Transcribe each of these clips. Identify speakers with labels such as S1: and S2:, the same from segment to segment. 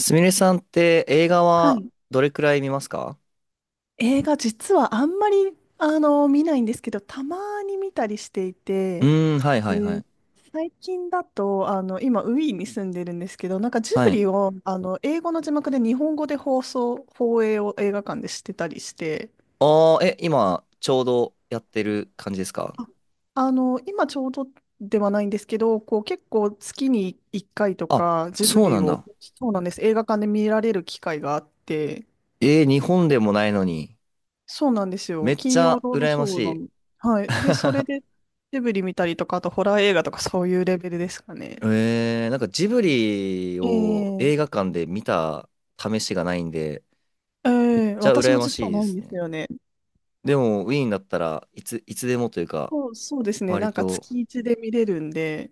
S1: すみれさんって映画
S2: は
S1: は
S2: い。
S1: どれくらい見ますか？
S2: 映画、実はあんまり、見ないんですけど、たまに見たりしてい
S1: う
S2: て、
S1: ーん、はい
S2: え
S1: はいは
S2: ー、
S1: い。
S2: 最近だと、今、ウィーンに住んでるんですけど、なんかジブ
S1: はい。
S2: リを、英語の字幕で日本語で放映を映画館でしてたりして、
S1: ああ、え、今ちょうどやってる感じですか？
S2: あ、今ちょうどではないんですけど、こう結構月に1回と
S1: あ、
S2: かジブ
S1: そうな
S2: リ
S1: ん
S2: を、
S1: だ。
S2: そうなんです、映画館で見られる機会があって、
S1: 日本でもないのに。
S2: そうなんです
S1: め
S2: よ。
S1: っち
S2: 金曜
S1: ゃ
S2: ロード
S1: 羨
S2: シ
S1: まし
S2: ョーな
S1: い。
S2: の。はい。で、それ で、ジブリ見たりとか、あとホラー映画とかそういうレベルですかね。
S1: なんかジブリを
S2: え
S1: 映画
S2: え
S1: 館で見た試しがないんで、
S2: え
S1: めっ
S2: え、
S1: ちゃ
S2: 私
S1: 羨
S2: も
S1: ま
S2: 実
S1: し
S2: は
S1: いで
S2: ないん
S1: す
S2: です
S1: ね。
S2: よね。
S1: でも、ウィーンだったらいつでもというか、
S2: そうですね。
S1: 割
S2: なんか
S1: と、
S2: 月一で見れるんで、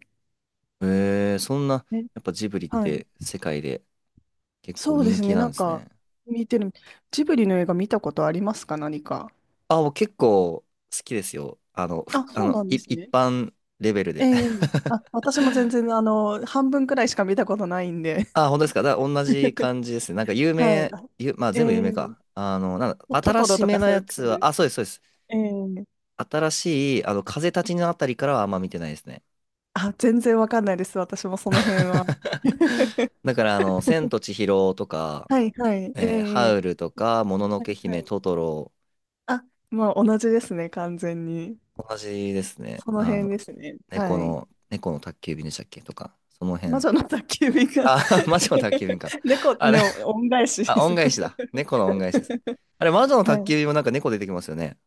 S1: えー、そんな、
S2: ね、
S1: やっぱジブリっ
S2: はい。
S1: て世界で結構
S2: そうで
S1: 人
S2: す
S1: 気
S2: ね。
S1: な
S2: な
S1: ん
S2: ん
S1: です
S2: か、
S1: ね。
S2: 見てる。ジブリの映画見たことありますか、何か？
S1: あ、もう結構好きですよ。あの、ふ
S2: あ、
S1: あ
S2: そう
S1: の、
S2: なん
S1: い、
S2: です
S1: 一
S2: ね。
S1: 般レベル
S2: え
S1: で。
S2: え、あ、私も全然、半分くらいしか見たことないんで。
S1: あ、本当ですか。だから同じ 感じですね。なんか有
S2: はい。
S1: 名、
S2: あ
S1: ゆ、まあ
S2: え
S1: 全部有名
S2: え、
S1: か。あの、なんだ、
S2: ト
S1: 新
S2: トロ
S1: し
S2: と
S1: め
S2: か
S1: の
S2: そうい
S1: や
S2: う
S1: つ
S2: 感じで
S1: は、
S2: す。
S1: あ、そうです、そうです。
S2: ええ、
S1: 新しい、あの、風立ちぬあたりからはあんま見てないですね。
S2: あ、全然わかんないです。私もその辺は。
S1: だから、あの、千と千尋とか、
S2: はいはい。えええ
S1: ハ
S2: え、
S1: ウルとか、ものの
S2: は
S1: け
S2: いは
S1: 姫、
S2: い。
S1: トトロ、
S2: あ、まあ同じですね、完全に。
S1: 同じですね。
S2: その
S1: あ
S2: 辺
S1: の、
S2: ですね。はい。
S1: 猫の宅急便でしたっけとか、その
S2: 魔
S1: 辺。
S2: 女の宅急便が
S1: あ、マジの宅急便か。
S2: 猫
S1: あ、
S2: ね、恩返しで
S1: あ、
S2: す。
S1: 恩返しだ。猫の恩返しです。あれ、魔女の
S2: は
S1: 宅
S2: い。
S1: 急便もなんか猫出てきますよね。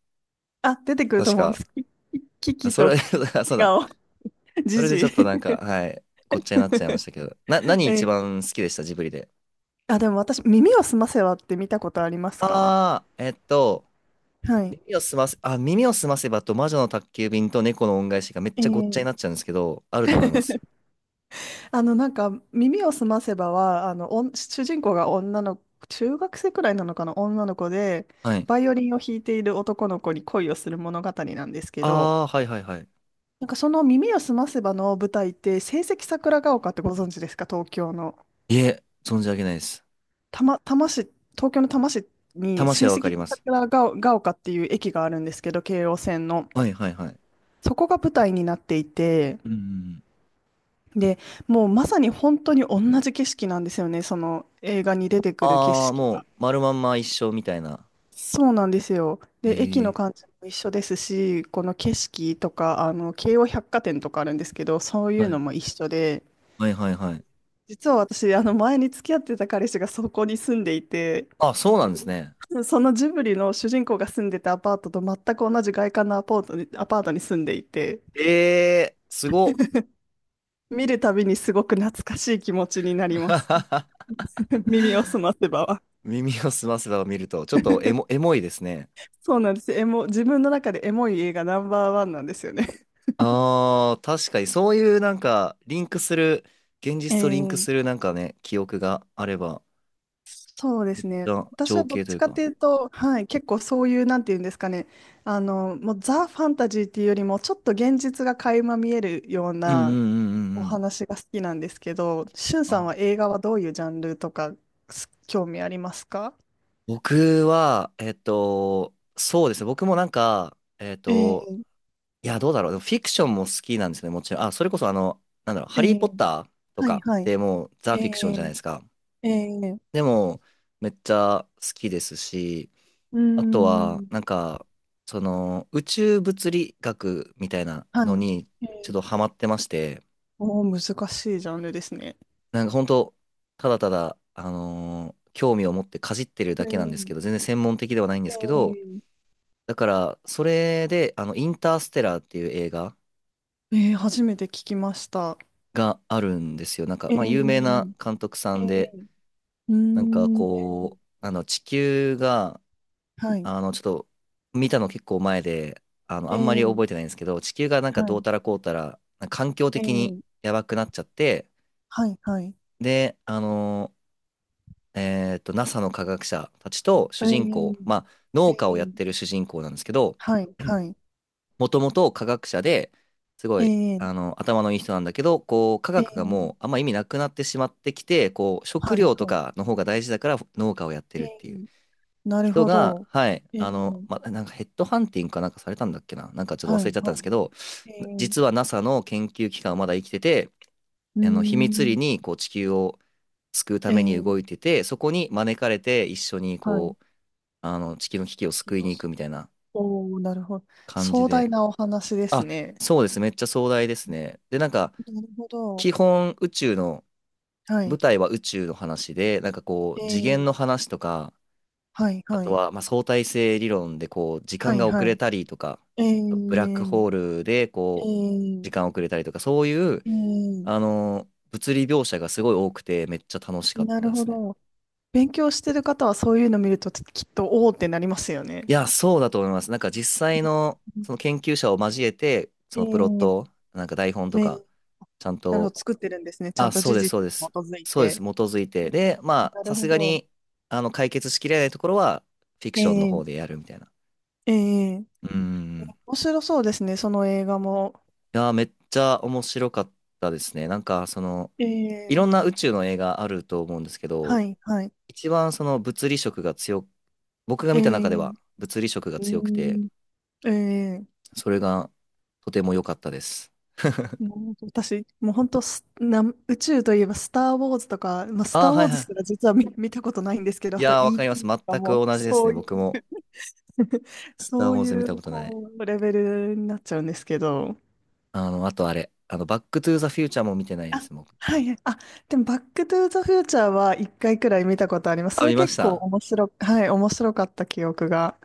S2: あ、出てくると
S1: 確
S2: 思いま
S1: か。
S2: す。キキキ
S1: あ
S2: キ
S1: そ
S2: と
S1: れ、そう
S2: キ
S1: だ。
S2: ガオ、
S1: そ
S2: ジ
S1: れで
S2: ジ
S1: ちょっとなんか、
S2: イ。
S1: はい、ごっちゃになっちゃいましたけど。何一
S2: ええ、
S1: 番好きでしたジブリで？
S2: あ、でも私、耳をすませばって見たことありますか？
S1: ああ、えっと、
S2: はい。
S1: 耳をすませばと魔女の宅急便と猫の恩返しがめっ
S2: え
S1: ちゃごっちゃになっ
S2: え
S1: ちゃうんですけど、あると思いま す。
S2: なんか、耳をすませばは、主人公が女の、中学生くらいなのかな、女の子で、
S1: はい。
S2: バイオリンを弾いている男の子に恋をする物語なんですけ
S1: あ
S2: ど、
S1: あ、はいはいはい。
S2: なんかその耳をすませばの舞台って、成績桜ヶ丘ってご存知ですか、東京の。
S1: いえ、存じ上げないです。
S2: 多摩市、東京の多摩市に
S1: 魂
S2: 成
S1: はわか
S2: 績
S1: ります。
S2: 桜ヶ丘っていう駅があるんですけど、京王線の。
S1: はいはいはい。
S2: そこが舞台になっていて、
S1: うんうんうん。
S2: で、もうまさに本当に同じ景色なんですよね、その映画に出てくる景
S1: ああ、
S2: 色
S1: もう、
S2: が。
S1: 丸まんま一生みたいな。
S2: そうなんですよ。
S1: え
S2: で、駅の
S1: え。
S2: 感じも一緒ですし、この景色とか、京王百貨店とかあるんですけど、そうい
S1: は
S2: うの
S1: い
S2: も一緒で、
S1: はいはいはい。
S2: 実は私、前に付き合ってた彼氏がそこに住んでいて、
S1: あ、そうなんですね。
S2: そのジブリの主人公が住んでたアパートと全く同じ外観のアパートに住んでいて、
S1: えー、すごっ。
S2: 見るたびにすごく懐かしい気持ちになります。耳を澄ませばは。
S1: 耳をすませばを見ると、ちょっとエモいですね。
S2: そうなんです。自分の中でエモい映画ナンバーワンなんですよね。
S1: ああ、確かにそういうなんか、リンクする、現
S2: え
S1: 実とリンクする
S2: え、
S1: なんかね、記憶があれば、
S2: そうで
S1: めっ
S2: す
S1: ち
S2: ね。
S1: ゃ
S2: 私は
S1: 情
S2: どっ
S1: 景とい
S2: ち
S1: う
S2: かと
S1: か。
S2: いうと、はい、結構そういう、なんていうんですかね、もうザ・ファンタジーっていうよりも、ちょっと現実が垣間見えるよう
S1: うんう
S2: な
S1: んうんう
S2: お
S1: んうん。
S2: 話が好きなんですけど、しゅん
S1: あ
S2: さんは映
S1: ー
S2: 画はどういうジャンルとか、興味ありますか？
S1: 僕は、えっと、そうですね。僕もなんか、えっ
S2: え
S1: と、
S2: え
S1: いや、どうだろう。でもフィクションも好きなんですね、もちろん。あ、それこそあの、なんだろう、
S2: え
S1: ハリー・ポッ
S2: え、
S1: ターと
S2: はい
S1: か
S2: は
S1: っ
S2: い。
S1: てもうザ・
S2: え
S1: フィクションじゃな
S2: え
S1: いですか。
S2: ええ、
S1: でも、めっちゃ好きですし、
S2: うー
S1: あとは、
S2: ん、
S1: なんか、その、宇宙物理学みたいなの
S2: は
S1: に
S2: い。え
S1: ちょっ
S2: え、
S1: とハマってまして、
S2: おー、難しいジャンルですね。
S1: なんか本当、ただただ、興味を持ってかじってる
S2: え
S1: だけなんですけ
S2: え
S1: ど、全然専門的ではないんですけど、
S2: ええ
S1: だから、それで、あの、インターステラーっていう映画
S2: ええ、初めて聞きました。
S1: があるんですよ。なんか、
S2: ええ
S1: まあ、有名な監督さ
S2: え
S1: ん
S2: え、
S1: で、
S2: うー
S1: なんか
S2: ん、え
S1: こう、
S2: え、
S1: あの、地球が、
S2: はい、
S1: あの、ちょっと、見たの結構前で、あの、あんまり
S2: え
S1: 覚えて
S2: え、
S1: ないんですけど、地球がなん
S2: は
S1: かどう
S2: い、
S1: たらこうたら、環境的に
S2: ええ、
S1: やばくなっちゃって、
S2: はい、はい、
S1: で、あの、えっと、NASA の科学者たちと主人公、
S2: え
S1: まあ、
S2: え
S1: 農家をやっ
S2: ええ、
S1: てる主人公なんですけど、
S2: はい、はい、
S1: もともと科学者で、すご
S2: え
S1: い、あ
S2: え
S1: の、頭のいい人なんだけど、こう、科
S2: ええ、
S1: 学がもうあんま意味なくなってしまってきて、こう、食
S2: はい、
S1: 料と
S2: は
S1: かの方が大事だから農家をやって
S2: い、
S1: るっ
S2: え
S1: ていう。
S2: え、なる
S1: 人
S2: ほ
S1: が、
S2: ど、
S1: はい、
S2: ええ、
S1: あの、ま、なんかヘッドハンティングかなんかされたんだっけな、なんかちょっと
S2: は
S1: 忘れ
S2: い、
S1: ちゃったん
S2: は
S1: ですけど、
S2: い、え
S1: 実
S2: え、
S1: は NASA の研究機関はまだ生きてて、
S2: うー
S1: あの秘密裏
S2: ん、
S1: にこう地球を救うために
S2: え
S1: 動い
S2: え、
S1: てて、そこに招かれて一緒に
S2: はい、
S1: こう、あの地球の危機を救いに行くみたいな
S2: おおー、なるほど。
S1: 感じ
S2: 壮
S1: で。
S2: 大なお話です
S1: あ、
S2: ね。
S1: そうです、めっちゃ壮大ですね。で、なんか、
S2: なるほど、
S1: 基本宇宙の、
S2: はい、
S1: 舞台は宇宙の話で、なんかこう、次元
S2: え
S1: の
S2: え、
S1: 話とか、
S2: はい、
S1: あ
S2: は
S1: と
S2: い、
S1: は、まあ、相対性理論でこう時
S2: は
S1: 間
S2: い、
S1: が遅
S2: は
S1: れ
S2: い、
S1: たりとか、
S2: え
S1: ブラ
S2: え
S1: ックホールでこう時
S2: え
S1: 間
S2: え
S1: 遅れたりとか、そういう
S2: え
S1: あ
S2: え、
S1: の物理描写がすごい多くてめっちゃ楽しかっ
S2: な
S1: た
S2: る
S1: で
S2: ほ
S1: すね。
S2: ど。勉強してる方はそういうの見るときっとおおってなりますよね。
S1: いや、そうだと思います。なんか実際のその研究者を交えて、
S2: え
S1: そのプロッ
S2: ー、
S1: トを、なんか台本
S2: え
S1: とか、
S2: ー
S1: ちゃん
S2: なるほ
S1: と、
S2: ど、作ってるんですね。ちゃ
S1: あ、
S2: んと
S1: そう
S2: 事
S1: です、そう
S2: 実
S1: で
S2: に基
S1: す。
S2: づい
S1: そうです、
S2: て。
S1: 基づいて。
S2: うん、
S1: で、まあ、
S2: なる
S1: さす
S2: ほ
S1: が
S2: ど。
S1: に、あの、解決しきれないところは、フィク
S2: え
S1: ションの
S2: ー、
S1: 方でやるみたいな。
S2: えー、
S1: うん。
S2: 面白そうですね、その映画も。
S1: やー、めっちゃ面白かったですね。なんか、その、
S2: え
S1: い
S2: ー、
S1: ろんな宇宙の映画あると思うんですけ
S2: は
S1: ど、
S2: い、はい。
S1: 一番その物理色が強く、僕が
S2: え
S1: 見た中では
S2: ー、
S1: 物理色が
S2: うー
S1: 強くて、
S2: ん、えー、
S1: それがとても良かったです。
S2: もう私、もう本当宇宙といえばスター・ウォーズとか、まあ、ス
S1: あ
S2: ター・
S1: あ、
S2: ウ
S1: は
S2: ォ
S1: い
S2: ーズ
S1: は
S2: すら実は見たことないんですけど、
S1: い。
S2: あ
S1: い
S2: と
S1: やー、わかります。
S2: ET と
S1: 全
S2: か
S1: く
S2: もう
S1: 同じです
S2: そ
S1: ね。
S2: うい
S1: 僕
S2: う
S1: も、スタ
S2: そ
S1: ー・ウ
S2: う
S1: ォー
S2: い
S1: ズ見た
S2: う、
S1: ことない。
S2: こう、レベルになっちゃうんですけど。
S1: あの、あとあれ、あの、バック・トゥ・ザ・フューチャーも見てないで
S2: あ、
S1: す、僕。
S2: はいはい。あ、でも、バックトゥーザフューチャーは一回くらい見たことあります。
S1: あ、
S2: それ
S1: 見まし
S2: 結構
S1: た。
S2: はい、面白かった記憶が。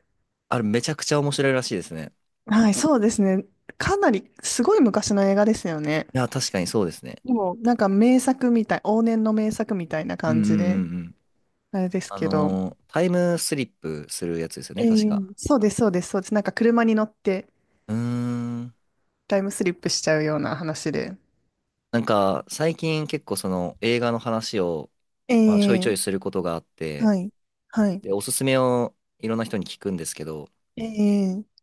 S1: あれ、めちゃくちゃ面白いらしいですね。
S2: はい、そうですね。かなり、すごい昔の映画ですよね。
S1: いやー、確かにそうですね。
S2: でも、なんか名作みたい、往年の名作みたいな
S1: うんう
S2: 感じ
S1: ん
S2: で、
S1: うんうん。
S2: あれです
S1: あ
S2: けど。
S1: のー、タイムスリップするやつですよ
S2: え
S1: ね、確
S2: え、
S1: か。
S2: そうです、そうです、そうです。なんか車に乗って
S1: うーん。
S2: タイムスリップしちゃうような話で。
S1: なんか、最近結構その映画の話を、まあ、ちょいちょ
S2: え
S1: いす
S2: え、
S1: ることがあって、
S2: はい、はい。
S1: で、おすすめをいろんな人に聞くんですけど、
S2: ええ、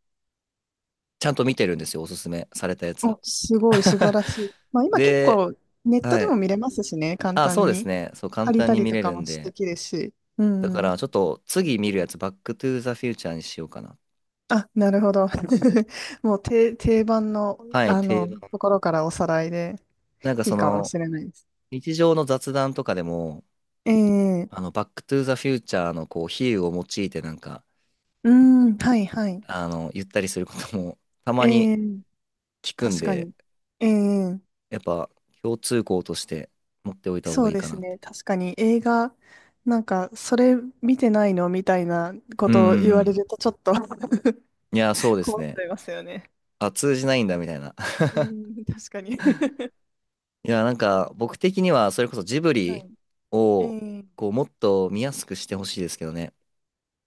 S1: ちゃんと見てるんですよ、おすすめされたやつ。
S2: お、すごい素晴 らしい。まあ今結
S1: で、
S2: 構ネット
S1: は
S2: でも
S1: い。
S2: 見れますしね、簡
S1: あ、そう
S2: 単
S1: です
S2: に。
S1: ね。そう、簡
S2: 借り
S1: 単
S2: た
S1: に
S2: り
S1: 見
S2: と
S1: れ
S2: か
S1: る
S2: も
S1: ん
S2: 素
S1: で。
S2: 敵きですし。う
S1: だか
S2: ん。
S1: ら、ちょっと次見るやつ、バックトゥーザフューチャーにしようかな。
S2: あ、なるほど。もう定番の、
S1: はい、定番。
S2: ところからおさらいで
S1: なんか
S2: いい
S1: そ
S2: かも
S1: の、
S2: しれないです。
S1: 日常の雑談とかでも、
S2: え
S1: あの、
S2: え、
S1: バックトゥーザフューチャーのこう、比喩を用いてなんか、
S2: うん、はいはい。
S1: あの、言ったりすることも たまに
S2: ええ、
S1: 聞くん
S2: 確か
S1: で、
S2: に。ええ、
S1: やっぱ共通項として持っておいた方
S2: そ
S1: がい
S2: う
S1: い
S2: で
S1: かな
S2: す
S1: って。
S2: ね。確かに映画、なんか、それ見てないのみたいなこ
S1: うんう
S2: とを言
S1: んう
S2: われ
S1: ん。
S2: るとちょっと
S1: いや、そう です
S2: 困っち
S1: ね。
S2: ゃいますよね。
S1: あ、通じないんだみたいな。
S2: うん、確かに
S1: いや、なんか僕的にはそれこそジブリ
S2: はい。
S1: を
S2: ええ、
S1: こう、もっと見やすくしてほしいですけどね。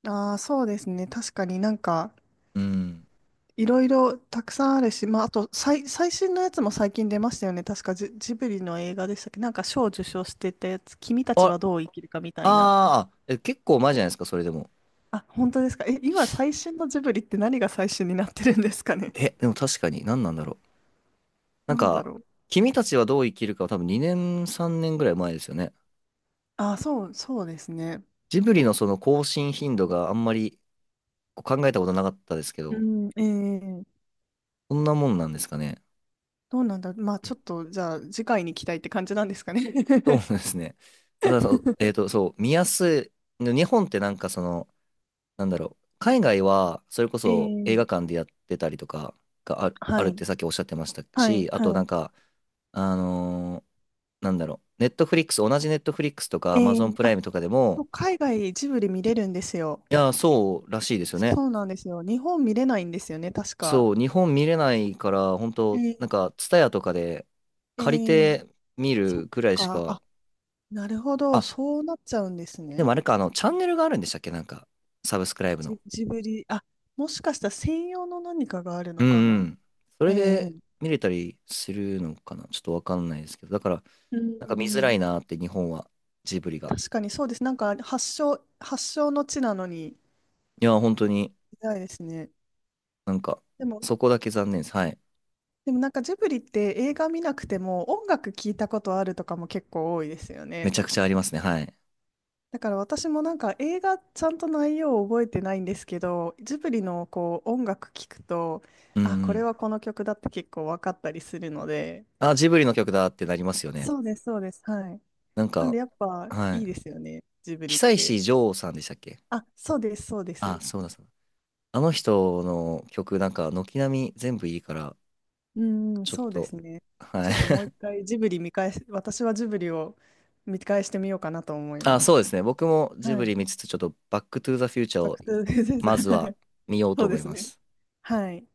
S2: ああ、そうですね。確かになんか、
S1: うん。
S2: いろいろたくさんあるし、まあ、あと、最新のやつも最近出ましたよね。確かジブリの映画でしたっけ？なんか賞を受賞してたやつ、君たちは
S1: あ、
S2: どう生きるかみたいな。
S1: あーえ、結構前じゃないですか、それでも。
S2: あ、本当ですか？今最新のジブリって何が最新になってるんですかね？
S1: え、でも確かに何なんだろう。なん
S2: なんだ
S1: か、
S2: ろう。
S1: 君たちはどう生きるかは多分2年、3年ぐらい前ですよね。
S2: ああ、そう、そうですね。
S1: ジブリのその更新頻度があんまりこう考えたことなかったですけど、
S2: うん、ええ、
S1: そんなもんなんですかね。
S2: どうなんだ。まあ、ちょっと、じゃあ、次回に期待って感じなんですかね。
S1: そうですね。あとはそう、えっと、そう、見やすい。日本ってなんかその、なんだろう。海外は、それこ
S2: え
S1: そ映画
S2: え、
S1: 館でやってたりとかがある、あ
S2: は
S1: るっ
S2: い。
S1: てさっきおっしゃってました
S2: はい、
S1: し、あとなん
S2: は
S1: か、あのーなんだろう。ネットフリックス、同じネットフリックスとか
S2: い。
S1: アマゾンプラ
S2: あ、
S1: イムとかで
S2: そ
S1: も、
S2: う海外ジブリ見れるんですよ。
S1: いやそうらしいですよね。
S2: そうなんですよ。日本見れないんですよね、確か。
S1: そう、日本見れないから、本
S2: え
S1: 当なん
S2: ー、
S1: か、ツタヤとかで
S2: え
S1: 借り
S2: ー
S1: て見
S2: そっ
S1: るくらいし
S2: か。
S1: か、
S2: あ、なるほど。
S1: あ、
S2: そうなっちゃうんです
S1: で
S2: ね。
S1: もあれか、あの、チャンネルがあるんでしたっけなんか、サブスクライブの。
S2: ジブリ。あ、もしかしたら専用の何かがある
S1: うん
S2: のか
S1: う
S2: な？
S1: ん。それ
S2: え
S1: で見れたりするのかなちょっとわかんないですけど。だから、
S2: え、う
S1: なんか見づら
S2: ん。
S1: いなーって、日本は、ジブリが。
S2: 確かにそうです。なんか発祥の地なのに、い
S1: いや、本当に、
S2: ないですね。
S1: なんか、
S2: でも、
S1: そこだけ残念です。はい。
S2: でもなんかジブリって映画見なくても音楽聞いたことあるとかも結構多いですよ
S1: め
S2: ね。
S1: ちゃくちゃありますね。はい。
S2: だから私もなんか映画ちゃんと内容を覚えてないんですけど、ジブリのこう音楽聴くと、
S1: うんう
S2: あ、これ
S1: ん。
S2: はこの曲だって結構分かったりするので、
S1: あ、ジブリの曲だってなりますよね。
S2: そうです、そうです。はい。
S1: なん
S2: なん
S1: か、
S2: でやっぱ
S1: は
S2: いい
S1: い。
S2: ですよね、ジブリっ
S1: 久
S2: て。
S1: 石譲さんでしたっけ？
S2: あ、そうです、そうで
S1: あ、
S2: す。
S1: そうだそうだ。あの人の曲なんか軒並み全部いいから、
S2: うん、
S1: ちょっ
S2: そうです
S1: と、
S2: ね。
S1: は
S2: ち
S1: い。
S2: ょっともう一 回ジブリ見返し、私はジブリを見返してみようかなと思い
S1: あ、
S2: ま
S1: そうで
S2: す。
S1: すね。僕もジ
S2: は
S1: ブ
S2: い。
S1: リ見つつ、ちょっとバックトゥーザフューチャー
S2: バッ
S1: を
S2: クトゥーザ
S1: ま
S2: フュー
S1: ず
S2: チャ
S1: は
S2: ー
S1: 見よう と
S2: そう
S1: 思
S2: で
S1: い
S2: す
S1: ま
S2: ね。
S1: す。
S2: はい。